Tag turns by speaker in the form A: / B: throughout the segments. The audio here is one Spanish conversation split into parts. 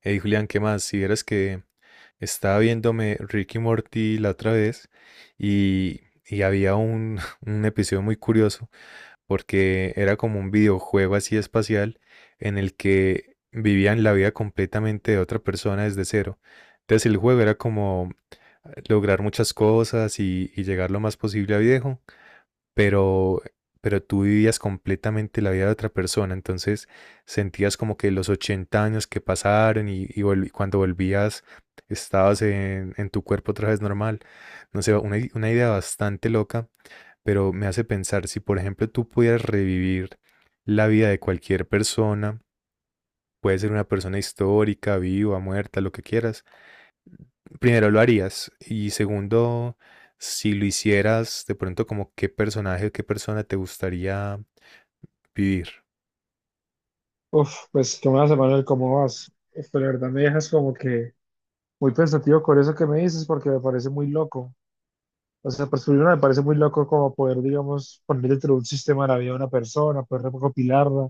A: Hey Julián, ¿qué más? Si vieras que estaba viéndome Ricky y Morty la otra vez y, y había un episodio muy curioso porque era como un videojuego así espacial en el que vivían la vida completamente de otra persona desde cero. Entonces el juego era como lograr muchas cosas y llegar lo más posible a viejo pero, pero tú vivías completamente la vida de otra persona, entonces sentías como que los 80 años que pasaron y cuando volvías estabas en tu cuerpo otra vez normal. No sé, una idea bastante loca, pero me hace pensar si, por ejemplo, tú pudieras revivir la vida de cualquier persona, puede ser una persona histórica, viva, muerta, lo que quieras. Primero, ¿lo harías? Y segundo, si lo hicieras, de pronto, como qué personaje, qué persona te gustaría vivir.
B: Uf, pues tú me vas a Manuel cómo vas. Uf, pero la verdad me dejas como que muy pensativo con eso que me dices porque me parece muy loco. O sea, por primero me parece muy loco como poder, digamos, poner dentro de un sistema la vida de una persona, poder recopilarla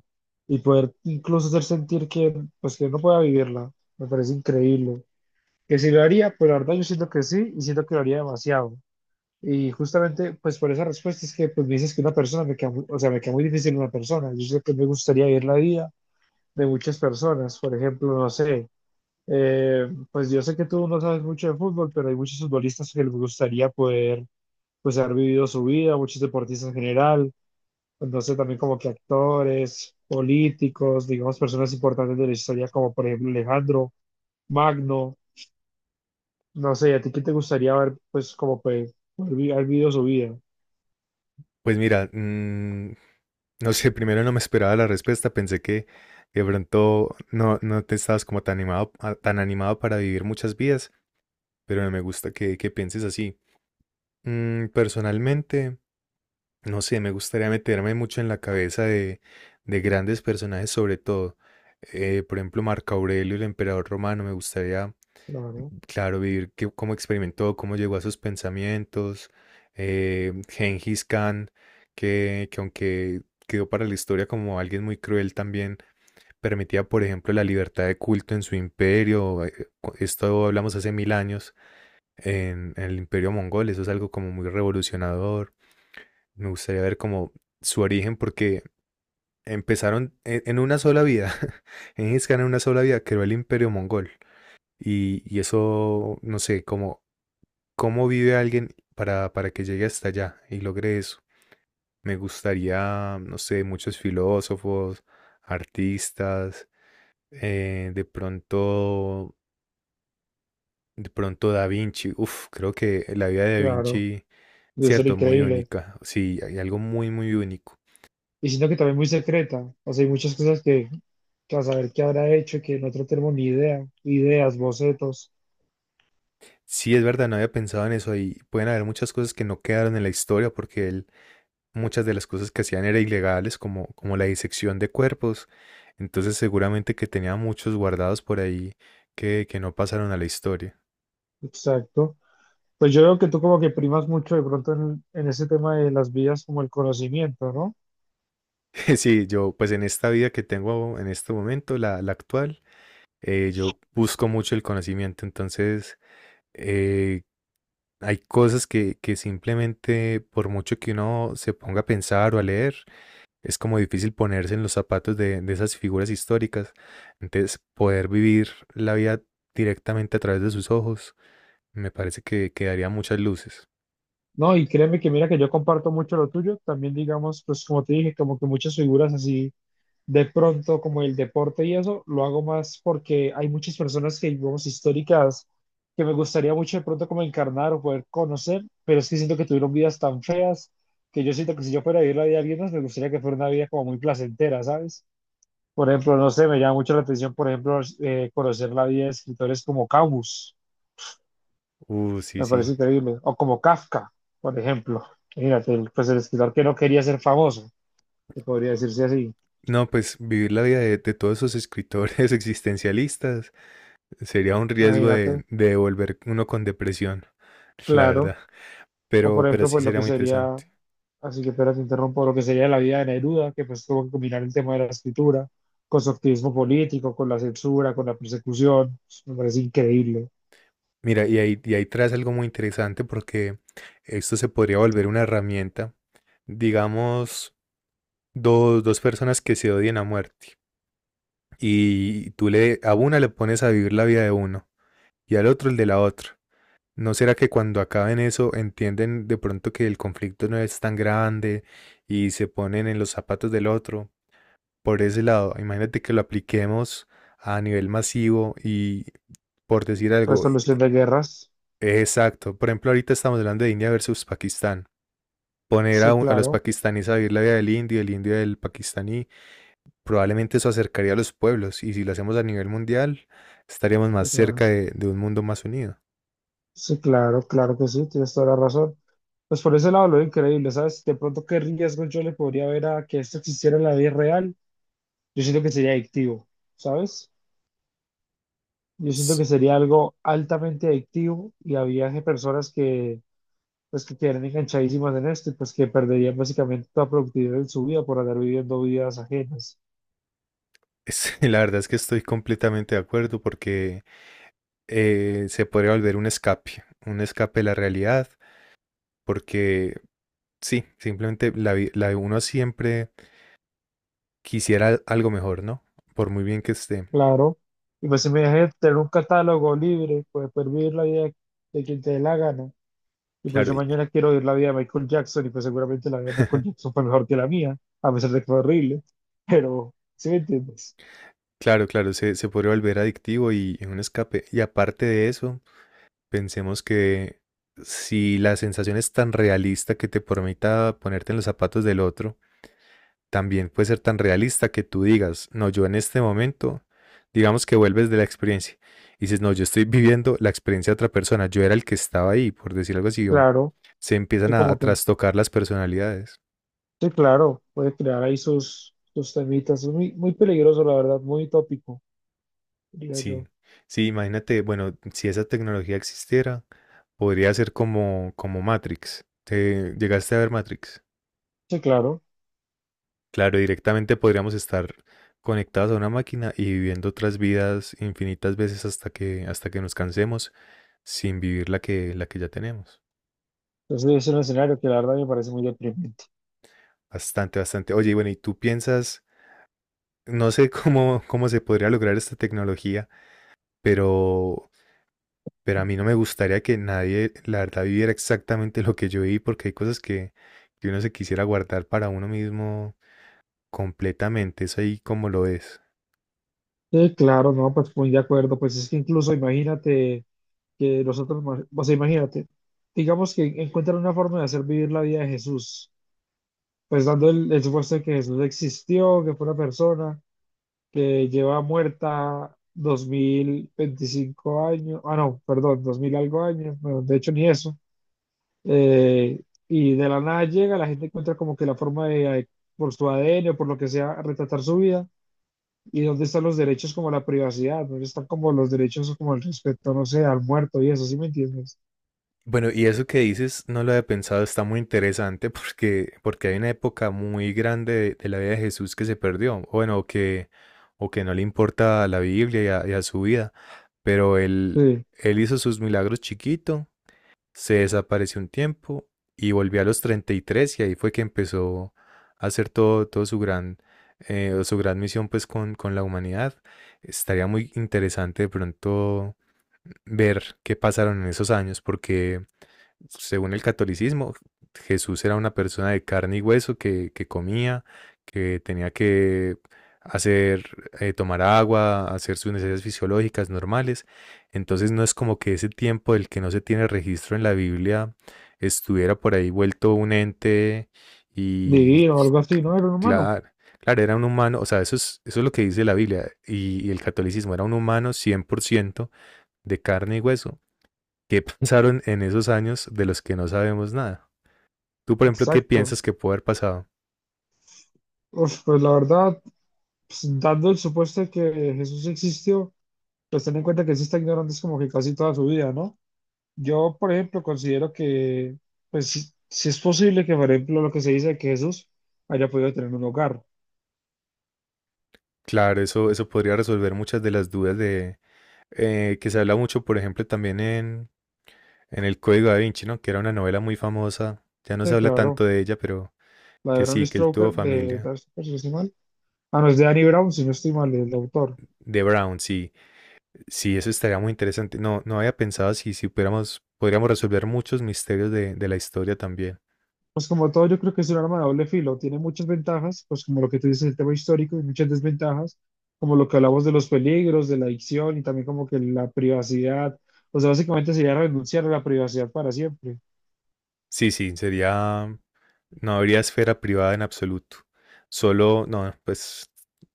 B: y poder incluso hacer sentir que, pues, que no pueda vivirla. Me parece increíble. Que si lo haría, pues la verdad yo siento que sí y siento que lo haría demasiado. Y justamente, pues por esa respuesta es que pues, me dices que una persona me queda, muy- o sea, me queda muy difícil una persona. Yo siento que me gustaría vivir la vida de muchas personas. Por ejemplo, no sé, pues yo sé que tú no sabes mucho de fútbol, pero hay muchos futbolistas que les gustaría poder, pues, haber vivido su vida, muchos deportistas en general, entonces también como que actores, políticos, digamos, personas importantes de la historia, como por ejemplo Alejandro Magno, no sé, ¿a ti qué te gustaría ver, pues, como pues, poder vi- haber vivido su vida?
A: Pues mira, no sé, primero no me esperaba la respuesta, pensé que de pronto no te estabas como tan animado, tan animado para vivir muchas vidas, pero no me gusta que pienses así. Personalmente, no sé, me gustaría meterme mucho en la cabeza de grandes personajes sobre todo. Por ejemplo, Marco Aurelio, el emperador romano, me gustaría
B: Claro,
A: claro, vivir cómo experimentó, cómo llegó a sus pensamientos. Gengis Khan, que aunque quedó para la historia como alguien muy cruel también, permitía, por ejemplo, la libertad de culto en su imperio. Esto hablamos hace mil años en el imperio mongol. Eso es algo como muy revolucionador. Me gustaría ver como su origen porque empezaron en una sola vida. Gengis Khan en una sola vida creó el imperio mongol. Y eso, no sé, como ¿cómo vive alguien para que llegue hasta allá y logre eso? Me gustaría, no sé, muchos filósofos, artistas, eh, de pronto, de pronto Da Vinci. Uf, creo que la vida de Da
B: claro,
A: Vinci,
B: debe ser
A: cierto, muy
B: increíble.
A: única. Sí, hay algo muy, muy único.
B: Y siento que también muy secreta. O sea, hay muchas cosas que a saber qué habrá hecho, que nosotros tenemos ni idea. Ideas, bocetos.
A: Sí, es verdad, no había pensado en eso y pueden haber muchas cosas que no quedaron en la historia porque él muchas de las cosas que hacían eran ilegales, como la disección de cuerpos. Entonces seguramente que tenía muchos guardados por ahí que no pasaron a la historia.
B: Exacto. Pues yo veo que tú como que primas mucho de pronto en ese tema de las vías como el conocimiento, ¿no?
A: Sí, yo pues en esta vida que tengo en este momento, la actual, yo busco mucho el conocimiento. Entonces eh, hay cosas que simplemente por mucho que uno se ponga a pensar o a leer, es como difícil ponerse en los zapatos de esas figuras históricas. Entonces, poder vivir la vida directamente a través de sus ojos, me parece que daría muchas luces.
B: No, y créeme que mira que yo comparto mucho lo tuyo. También digamos, pues como te dije, como que muchas figuras así. De pronto como el deporte y eso, lo hago más porque hay muchas personas que digamos históricas que me gustaría mucho de pronto como encarnar o poder conocer, pero es que siento que tuvieron vidas tan feas que yo siento que si yo fuera a vivir la vida de alguien más, me gustaría que fuera una vida como muy placentera, ¿sabes? Por ejemplo, no sé, me llama mucho la atención, por ejemplo, conocer la vida de escritores como Camus,
A: Sí,
B: me parece
A: sí.
B: increíble, o como Kafka, por ejemplo. Imagínate, el- pues el escritor que no quería ser famoso, que podría decirse así,
A: No, pues vivir la vida de todos esos escritores existencialistas sería un riesgo
B: imagínate,
A: de devolver uno con depresión, la
B: claro.
A: verdad.
B: O por
A: Pero
B: ejemplo,
A: sí
B: pues lo
A: sería
B: que
A: muy
B: sería,
A: interesante.
B: así que espera, te interrumpo, lo que sería la vida de Neruda, que pues tuvo que combinar el tema de la escritura con su activismo político, con la censura, con la persecución. Me parece increíble.
A: Mira, y ahí traes algo muy interesante porque esto se podría volver una herramienta, digamos, dos, dos personas que se odian a muerte. Y tú le, a una le pones a vivir la vida de uno y al otro el de la otra. ¿No será que cuando acaben eso entienden de pronto que el conflicto no es tan grande y se ponen en los zapatos del otro? Por ese lado, imagínate que lo apliquemos a nivel masivo y por decir algo,
B: Resolución de guerras.
A: exacto. Por ejemplo, ahorita estamos hablando de India versus Pakistán. Poner a,
B: Sí,
A: a los
B: claro.
A: pakistaníes a vivir la vida del indio, el indio del pakistaní. Probablemente eso acercaría a los pueblos y si lo hacemos a nivel mundial, estaríamos más
B: Es
A: cerca
B: más,
A: de un mundo más unido.
B: sí, claro, claro que sí, tienes toda la razón. Pues por ese lado lo veo increíble, ¿sabes? De pronto, ¿qué riesgo yo le podría ver a que esto existiera en la vida real? Yo siento que sería adictivo, ¿sabes? Yo siento
A: Sí.
B: que sería algo altamente adictivo y había personas que pues que quedarían enganchadísimas en esto y pues que perderían básicamente toda productividad en su vida por andar viviendo vidas ajenas.
A: La verdad es que estoy completamente de acuerdo porque se podría volver un escape de la realidad, porque sí, simplemente la de uno siempre quisiera algo mejor, ¿no? Por muy bien que esté.
B: Claro. Y pues si me dejan tener un catálogo libre, pues poder vivir la vida de quien te dé la gana. Y pues
A: Claro,
B: yo mañana quiero vivir la vida de Michael Jackson y pues seguramente la vida de Michael Jackson fue mejor que la mía, a pesar de que fue horrible. Pero, ¿sí me entiendes?
A: claro, claro, se podría volver adictivo y un escape. Y aparte de eso, pensemos que si la sensación es tan realista que te permita ponerte en los zapatos del otro, también puede ser tan realista que tú digas, no, yo en este momento, digamos que vuelves de la experiencia y dices, no, yo estoy viviendo la experiencia de otra persona, yo era el que estaba ahí, por decir algo así, o
B: Claro,
A: se empiezan
B: que
A: a
B: como que,
A: trastocar las personalidades.
B: sí, claro, puede crear ahí sus temitas. Es muy, muy peligroso, la verdad, muy tópico, diría
A: Sí,
B: yo.
A: sí, imagínate, bueno, si esa tecnología existiera, podría ser como Matrix. ¿Te llegaste a ver Matrix?
B: Sí, claro.
A: Claro, directamente podríamos estar conectados a una máquina y viviendo otras vidas infinitas veces hasta que nos cansemos sin vivir la que ya tenemos.
B: Entonces es un escenario que la verdad me parece muy deprimente.
A: Bastante, bastante. Oye, y bueno, ¿y tú piensas, no sé cómo se podría lograr esta tecnología, pero, pero a mí no me gustaría que nadie, la verdad, viviera exactamente lo que yo viví, porque hay cosas que uno se quisiera guardar para uno mismo completamente. Es ahí como lo es.
B: Sí, claro, no, pues muy de acuerdo. Pues es que incluso imagínate que nosotros, ma- o sea, imagínate, digamos que encuentran una forma de hacer vivir la vida de Jesús, pues dando el supuesto de que Jesús existió, que fue una persona que lleva muerta 2025 años, ah, no, perdón, 2000 algo años, bueno, de hecho ni eso. Eh, y de la nada llega, la gente encuentra como que la forma de, por su ADN o por lo que sea, retratar su vida. ¿Y dónde están los derechos como la privacidad? ¿Dónde están como los derechos como el respeto, no sé, al muerto y eso, ¿sí me entiendes?
A: Bueno, y eso que dices, no lo había pensado, está muy interesante porque, porque hay una época muy grande de la vida de Jesús que se perdió, o bueno, o que no le importa a la Biblia y y a su vida, pero él,
B: Sí,
A: él hizo sus milagros chiquito, se desapareció un tiempo y volvió a los 33 y tres y ahí fue que empezó a hacer todo, su gran misión pues con la humanidad. Estaría muy interesante de pronto ver qué pasaron en esos años, porque según el catolicismo, Jesús era una persona de carne y hueso que comía, que tenía que hacer, tomar agua, hacer sus necesidades fisiológicas normales. Entonces no es como que ese tiempo del que no se tiene registro en la Biblia estuviera por ahí vuelto un ente y
B: divino o algo así, ¿no? Era un humano.
A: claro, claro, era un humano, o sea, eso es lo que dice la Biblia y el catolicismo, era un humano 100% de carne y hueso. ¿Qué pasaron en esos años de los que no sabemos nada? Tú, por ejemplo, ¿qué
B: Exacto.
A: piensas que puede haber pasado?
B: Uf, pues la verdad, pues, dando el supuesto de que Jesús existió, pues ten en cuenta que sí está ignorando es como que casi toda su vida, ¿no? Yo, por ejemplo, considero que, pues, si, si es posible que, por ejemplo, lo que se dice de que Jesús haya podido tener un hogar.
A: Claro, eso podría resolver muchas de las dudas de que se habla mucho, por ejemplo, también en El Código da Vinci, ¿no? Que era una novela muy famosa. Ya no se
B: Sí,
A: habla
B: claro.
A: tanto de ella, pero
B: La de
A: que
B: Bram
A: sí, que él
B: Stoker,
A: tuvo familia.
B: si no estoy mal. Ah, no, es de Danny Brown, si no estoy mal, el autor.
A: De Brown, sí. Sí, eso estaría muy interesante. No, no había pensado si pudiéramos, podríamos resolver muchos misterios de la historia también.
B: Pues como todo, yo creo que es un arma de doble filo. Tiene muchas ventajas, pues como lo que tú dices, el tema histórico, y muchas desventajas, como lo que hablamos de los peligros, de la adicción y también como que la privacidad. O sea, básicamente sería renunciar a la privacidad para siempre.
A: Sí, sí, sería no habría esfera privada en absoluto. Solo, no, pues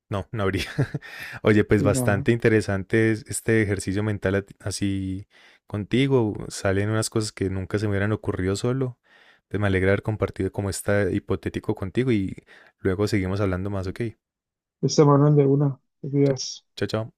A: no, no habría. Oye, pues
B: Sí, nada,
A: bastante interesante este ejercicio mental así contigo. Salen unas cosas que nunca se me hubieran ocurrido solo. Entonces me alegra haber compartido como está hipotético contigo y luego seguimos hablando más, ¿ok?
B: esta mano de una, te
A: Ch-
B: cuidas.
A: Chao, chao.